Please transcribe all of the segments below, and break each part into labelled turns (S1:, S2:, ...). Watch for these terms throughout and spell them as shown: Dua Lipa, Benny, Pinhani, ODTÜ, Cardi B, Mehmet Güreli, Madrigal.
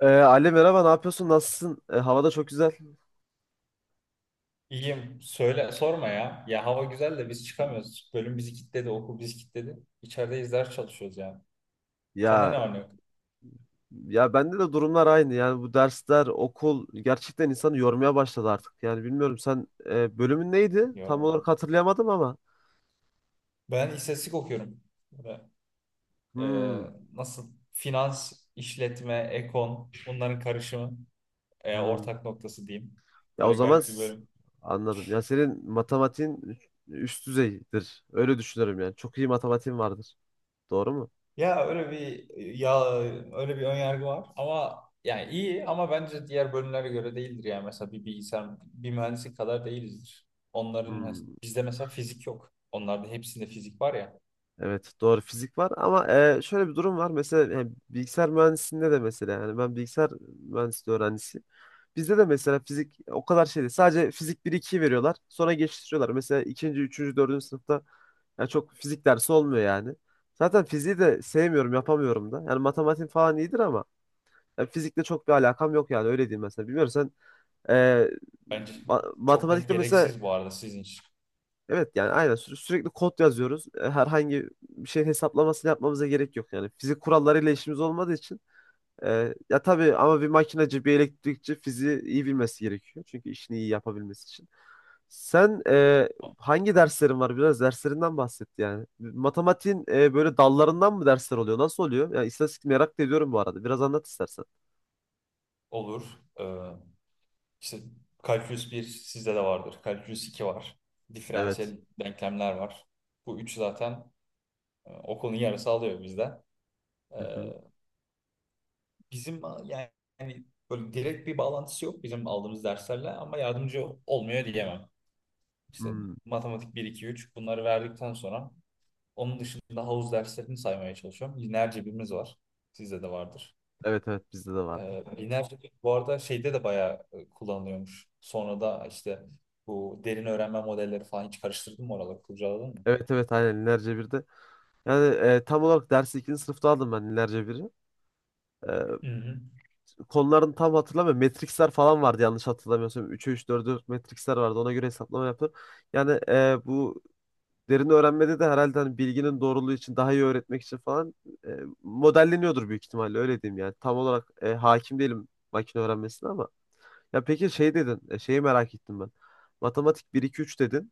S1: Ali merhaba, ne yapıyorsun, nasılsın? Havada çok güzel.
S2: İyiyim. Söyle, sorma ya. Ya hava güzel de biz çıkamıyoruz. Bölüm bizi kilitledi, okul bizi kilitledi. İçerideyiz, ders çalışıyoruz yani. Sende
S1: Ya,
S2: ne var ne yok?
S1: ya bende de durumlar aynı yani, bu dersler, okul gerçekten insanı yormaya başladı artık. Yani bilmiyorum, sen bölümün neydi tam
S2: Yok.
S1: olarak, hatırlayamadım ama
S2: Ben istatistik okuyorum. Böyle, e,
S1: hmm,
S2: nasıl? Finans, işletme, ekon bunların karışımı.
S1: hmm.
S2: Ortak noktası diyeyim.
S1: Ya o
S2: Öyle
S1: zaman
S2: garip bir bölüm.
S1: anladım. Ya senin matematiğin üst düzeydir, öyle düşünüyorum. Yani çok iyi matematiğin vardır, doğru mu?
S2: Ya öyle bir ya öyle bir ön yargı var ama yani iyi ama bence diğer bölümlere göre değildir yani mesela bir bilgisayar bir mühendislik kadar değilizdir.
S1: Hmm.
S2: Bizde mesela fizik yok. Onlarda hepsinde fizik var ya.
S1: Evet doğru, fizik var ama şöyle bir durum var. Mesela yani bilgisayar mühendisliğinde de, mesela yani ben bilgisayar mühendisliği öğrencisiyim. Bizde de mesela fizik o kadar şey değil. Sadece fizik bir 2'yi veriyorlar. Sonra geçiştiriyorlar. Mesela ikinci, üçüncü, dördüncü sınıfta yani çok fizik dersi olmuyor yani. Zaten fiziği de sevmiyorum, yapamıyorum da. Yani matematik falan iyidir ama yani fizikle çok bir alakam yok yani, öyle diyeyim mesela. Bilmiyorum sen e,
S2: Bence çok net
S1: matematikte mesela
S2: gereksiz bu arada sizin için.
S1: evet yani aynen sürekli kod yazıyoruz. Herhangi bir şeyin hesaplamasını yapmamıza gerek yok yani. Fizik kurallarıyla işimiz olmadığı için ya tabii ama bir makinacı, bir elektrikçi fiziği iyi bilmesi gerekiyor. Çünkü işini iyi yapabilmesi için. Sen hangi derslerin var? Biraz derslerinden bahset yani. Matematiğin böyle dallarından mı dersler oluyor? Nasıl oluyor? Yani istatistik merak da ediyorum bu arada. Biraz anlat istersen.
S2: Olur. Ee, işte kalkülüs 1 sizde de vardır. Kalkülüs 2 var.
S1: Evet.
S2: Diferansiyel denklemler var. Bu üç zaten okulun yarısı alıyor bizde. Ee,
S1: Hı hı.
S2: bizim yani böyle direkt bir bağlantısı yok bizim aldığımız derslerle ama yardımcı olmuyor diyemem. İşte
S1: Hmm.
S2: matematik 1, 2, 3 bunları verdikten sonra onun dışında havuz derslerini saymaya çalışıyorum. Lineer cebimiz var. Sizde de vardır.
S1: Evet evet bizde de vardı.
S2: Lineer cebir bu arada şeyde de bayağı kullanılıyormuş. Sonra da işte bu derin öğrenme modelleri falan hiç karıştırdın mı oraları kurcaladın mı?
S1: Evet evet aynen lineer cebirde. Yani tam olarak dersi ikinci sınıfta aldım ben ilerce biri. E,
S2: Hı hı.
S1: Konularını tam hatırlamıyorum. Matrixler falan vardı yanlış hatırlamıyorsam. 3'e üç, 4'e 4 matrixler vardı. Ona göre hesaplama yaptım. Yani bu derin öğrenmede de herhalde hani bilginin doğruluğu için, daha iyi öğretmek için falan e, modelleniyordur büyük ihtimalle, öyle diyeyim yani. Tam olarak hakim değilim makine öğrenmesine ama. Ya peki şey dedin, şeyi merak ettim ben. Matematik bir 2 3 dedin.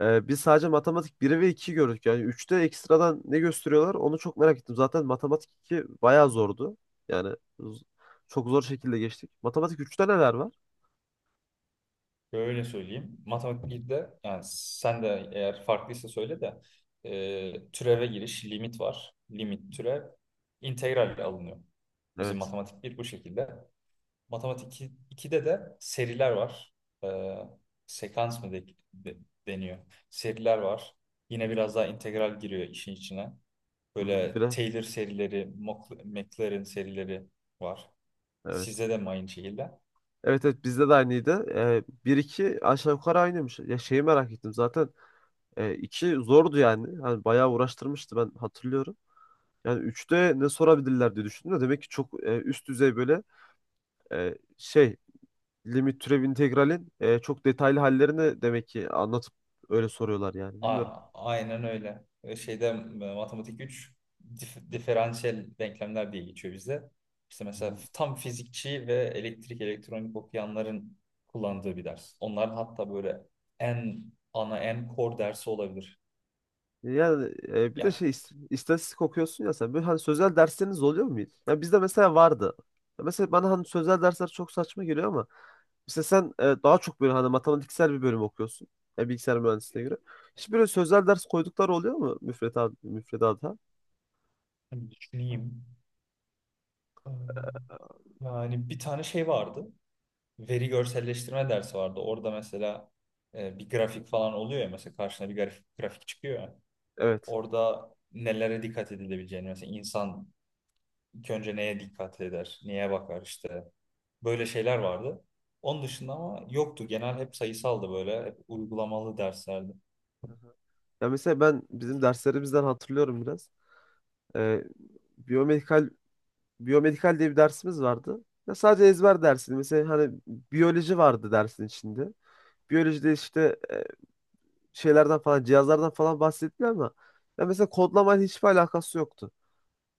S1: Biz sadece matematik 1 ve 2 gördük. Yani üçte ekstradan ne gösteriyorlar onu çok merak ettim. Zaten matematik 2 bayağı zordu. Yani çok zor şekilde geçtik. Matematik üçte neler var?
S2: Böyle söyleyeyim. Matematik birde yani sen de eğer farklıysa söyle de türeve giriş limit var. Limit türev integralle alınıyor. Bizim
S1: Evet.
S2: matematik bir bu şekilde. Matematik 2 2'de de seriler var. E, Sekans mı de- deniyor? Seriler var. Yine biraz daha integral giriyor işin içine.
S1: Hı-hı.
S2: Böyle
S1: Bire.
S2: Taylor serileri, McLaren serileri var.
S1: Evet.
S2: Sizde de mi aynı şekilde?
S1: Evet evet bizde de aynıydı. 1-2 aşağı yukarı aynıymış. Ya şeyi merak ettim zaten. 2 zordu yani. Hani bayağı uğraştırmıştı, ben hatırlıyorum. Yani üçte ne sorabilirler diye düşündüm de, demek ki çok üst düzey böyle şey limit, türev, integralin çok detaylı hallerini demek ki anlatıp öyle soruyorlar yani. Bilmiyorum.
S2: Aynen öyle. Şeyde, matematik 3 diferansiyel denklemler diye geçiyor bize. İşte
S1: Hı
S2: mesela
S1: hı.
S2: tam fizikçi ve elektrik elektronik okuyanların kullandığı bir ders. Onların hatta böyle en ana en core dersi olabilir.
S1: Yani bir de
S2: Ger
S1: şey istatistik okuyorsun ya sen. Böyle hani sözel dersleriniz oluyor mu hiç? Ya bizde mesela vardı. Ya mesela bana hani sözel dersler çok saçma geliyor ama mesela sen daha çok böyle hani matematiksel bir bölüm okuyorsun. Ya bilgisayar mühendisliğine göre. Hiç böyle sözel ders koydukları oluyor mu müfredat müfredata?
S2: Hani düşüneyim. Ee, Yani bir tane şey vardı. Veri görselleştirme dersi vardı. Orada mesela bir grafik falan oluyor ya mesela karşına bir grafik çıkıyor ya.
S1: Evet.
S2: Orada nelere dikkat edilebileceğini mesela insan İlk önce neye dikkat eder, neye bakar işte. Böyle şeyler vardı. Onun dışında ama yoktu. Genel hep sayısaldı böyle. Hep uygulamalı derslerdi.
S1: Ya mesela ben bizim derslerimizden hatırlıyorum biraz. Ee, biyomedikal biyomedikal diye bir dersimiz vardı. Ya sadece ezber dersiydi. Mesela hani biyoloji vardı dersin içinde. Biyolojide işte şeylerden falan, cihazlardan falan bahsettiler ama ya mesela kodlamayla hiçbir alakası yoktu.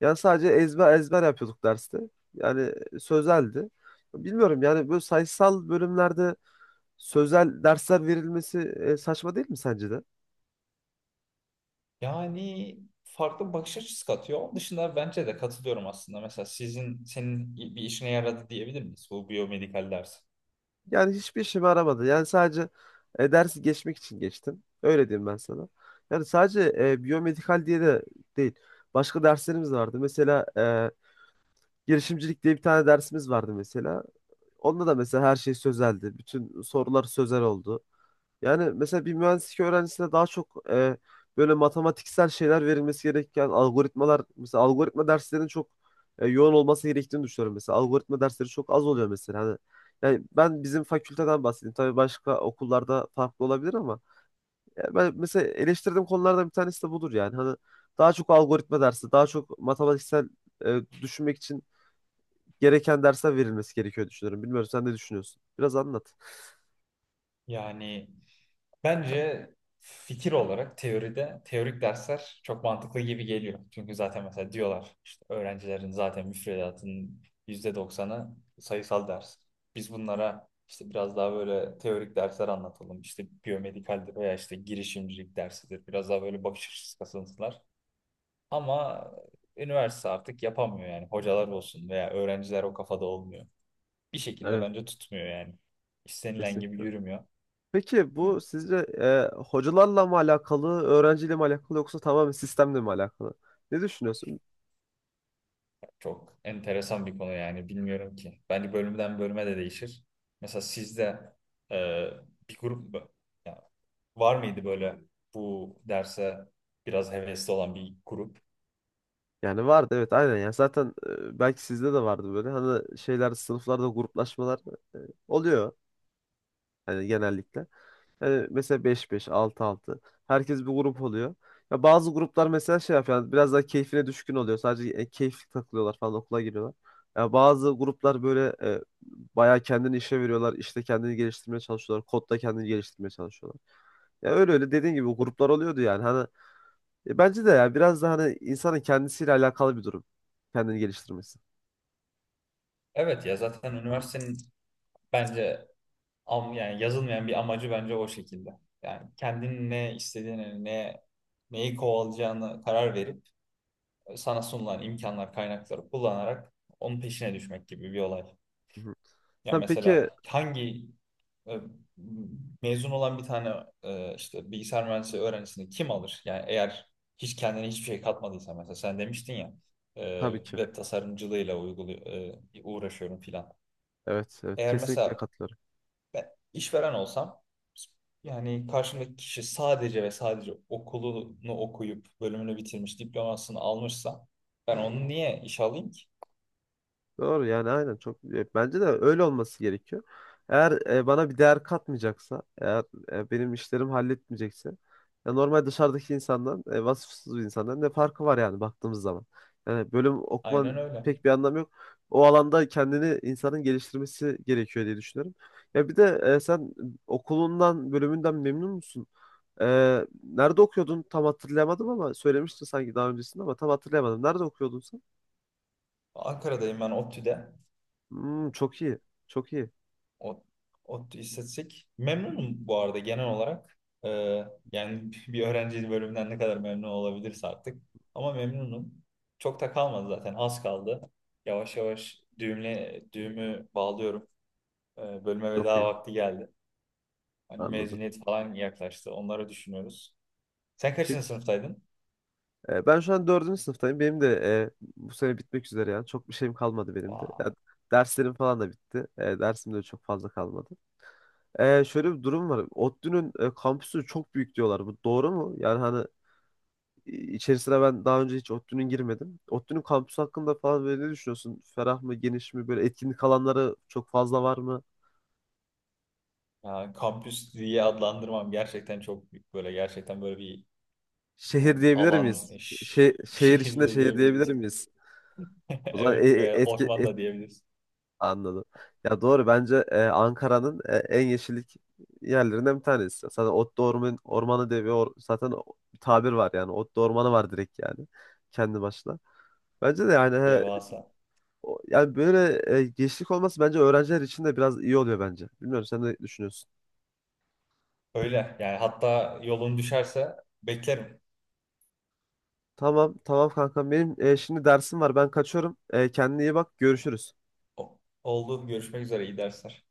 S1: Yani sadece ezber ezber yapıyorduk derste. Yani sözeldi. Bilmiyorum yani böyle sayısal bölümlerde sözel dersler verilmesi saçma değil mi sence de?
S2: Yani farklı bir bakış açısı katıyor. Onun dışında bence de katılıyorum aslında. Mesela senin bir işine yaradı diyebilir miyiz bu biyomedikal ders?
S1: Yani hiçbir işime yaramadı. Yani sadece dersi geçmek için geçtim. Öyle diyeyim ben sana. Yani sadece biyomedikal diye de değil. Başka derslerimiz vardı. Mesela girişimcilik diye bir tane dersimiz vardı mesela. Onda da mesela her şey sözeldi. Bütün sorular sözel oldu. Yani mesela bir mühendislik öğrencisine daha çok böyle matematiksel şeyler verilmesi gereken, algoritmalar mesela, algoritma derslerinin çok yoğun olması gerektiğini düşünüyorum mesela. Algoritma dersleri çok az oluyor mesela. Hani yani ben bizim fakülteden bahsedeyim. Tabii başka okullarda farklı olabilir ama ya ben mesela eleştirdiğim konulardan bir tanesi de budur yani. Hani daha çok algoritma dersi, daha çok matematiksel düşünmek için gereken dersler verilmesi gerekiyor düşünüyorum. Bilmiyorum sen ne düşünüyorsun? Biraz anlat.
S2: Yani bence fikir olarak teoride teorik dersler çok mantıklı gibi geliyor. Çünkü zaten mesela diyorlar işte öğrencilerin zaten müfredatının yüzde doksanı sayısal ders. Biz bunlara işte biraz daha böyle teorik dersler anlatalım. İşte biyomedikaldir veya işte girişimcilik dersidir. Biraz daha böyle bakış açısı kasınsınlar. Ama üniversite artık yapamıyor yani. Hocalar olsun veya öğrenciler o kafada olmuyor. Bir şekilde
S1: Evet,
S2: bence tutmuyor yani. İstenilen gibi
S1: kesinlikle.
S2: yürümüyor.
S1: Peki bu sizce hocalarla mı alakalı, öğrenciyle mi alakalı, yoksa tamamen sistemle mi alakalı? Ne düşünüyorsun?
S2: Çok enteresan bir konu yani bilmiyorum ki. Bence bölümden bölüme de değişir. Mesela sizde e, bir grup mu- ya var mıydı böyle bu derse biraz hevesli olan bir grup?
S1: Yani vardı evet, aynen. Yani zaten belki sizde de vardı böyle hani şeyler, sınıflarda gruplaşmalar e, oluyor hani genellikle. Yani mesela beş beş, altı altı, herkes bir grup oluyor. Ya bazı gruplar mesela şey yapıyor yani, biraz daha keyfine düşkün oluyor, sadece keyifli takılıyorlar falan, okula giriyorlar. Ya bazı gruplar böyle bayağı kendini işe veriyorlar. İşte kendini geliştirmeye çalışıyorlar. Kodda kendini geliştirmeye çalışıyorlar. Ya öyle öyle dediğin gibi gruplar oluyordu yani. Hani bence de ya, biraz da hani insanın kendisiyle alakalı bir durum. Kendini geliştirmesi.
S2: Evet ya zaten üniversitenin bence yani yazılmayan bir amacı bence o şekilde. Yani kendinin ne istediğini, neyi kovalayacağını karar verip sana sunulan imkanlar, kaynakları kullanarak onun peşine düşmek gibi bir olay.
S1: Hı hı.
S2: Ya
S1: Sen peki
S2: mesela hangi e, mezun olan bir tane işte bilgisayar mühendisliği öğrencisini kim alır? Yani eğer hiç kendine hiçbir şey katmadıysa mesela sen demiştin ya
S1: tabii ki.
S2: web tasarımcılığıyla uygulu uğraşıyorum filan.
S1: Evet, evet
S2: Eğer
S1: kesinlikle
S2: mesela
S1: katılıyorum.
S2: ben işveren olsam yani karşımdaki kişi sadece ve sadece okulunu okuyup bölümünü bitirmiş diplomasını almışsa ben onu niye işe alayım ki?
S1: Doğru yani, aynen. Çok bence de öyle olması gerekiyor. Eğer bana bir değer katmayacaksa, eğer benim işlerimi halletmeyecekse, ya normal dışarıdaki insandan, vasıfsız bir insandan ne farkı var yani baktığımız zaman. Yani bölüm okuman
S2: Aynen öyle.
S1: pek bir anlamı yok. O alanda kendini insanın geliştirmesi gerekiyor diye düşünüyorum. Ya bir de sen okulundan, bölümünden memnun musun? E, Nerede okuyordun? Tam hatırlayamadım ama söylemiştin sanki daha öncesinde, ama tam hatırlayamadım. Nerede okuyordun sen?
S2: Ankara'dayım ben ODTÜ'de.
S1: Hmm, çok iyi. Çok iyi.
S2: O, ODTÜ İstatistik. Memnunum bu arada genel olarak. Ee, Yani bir öğrenci bölümünden ne kadar memnun olabilirse artık. Ama memnunum. Çok da kalmadı zaten. Az kaldı. Yavaş yavaş düğümü bağlıyorum. Bölüme
S1: Çok
S2: veda
S1: iyi.
S2: vakti geldi. Hani
S1: Anladım.
S2: mezuniyet falan yaklaştı. Onları düşünüyoruz. Sen kaçıncı
S1: Peki.
S2: sınıftaydın?
S1: E, ben şu an dördüncü sınıftayım. Benim de bu sene bitmek üzere yani. Çok bir şeyim kalmadı benim de.
S2: Vay.
S1: Yani derslerim falan da bitti. Dersim de çok fazla kalmadı. Şöyle bir durum var. ODTÜ'nün kampüsü çok büyük diyorlar. Bu doğru mu? Yani hani içerisine ben daha önce hiç ODTÜ'nün girmedim. ODTÜ'nün kampüsü hakkında falan böyle ne düşünüyorsun? Ferah mı, geniş mi? Böyle etkinlik alanları çok fazla var mı?
S2: Yani kampüs diye adlandırmam, gerçekten çok büyük. Böyle gerçekten böyle bir
S1: Şehir
S2: yani
S1: diyebilir
S2: alan,
S1: miyiz? Şey, şehir içinde
S2: şehirde
S1: şehir diyebilir
S2: diyebiliriz.
S1: miyiz? O zaman
S2: Evet ve
S1: etki,
S2: orman da diyebiliriz.
S1: anladım. Ya doğru, bence Ankara'nın en yeşillik yerlerinden bir tanesi. Zaten Otlu Orman, Ormanı diye zaten bir tabir var yani. Otlu Ormanı var direkt yani, kendi başına. Bence de yani he,
S2: Devasa.
S1: yani böyle yeşillik olması bence öğrenciler için de biraz iyi oluyor bence. Bilmiyorum sen ne düşünüyorsun?
S2: Öyle yani, hatta yolun düşerse beklerim.
S1: Tamam tamam kankam benim, şimdi dersim var, ben kaçıyorum. Kendine iyi bak, görüşürüz.
S2: Oldu, görüşmek üzere, iyi dersler.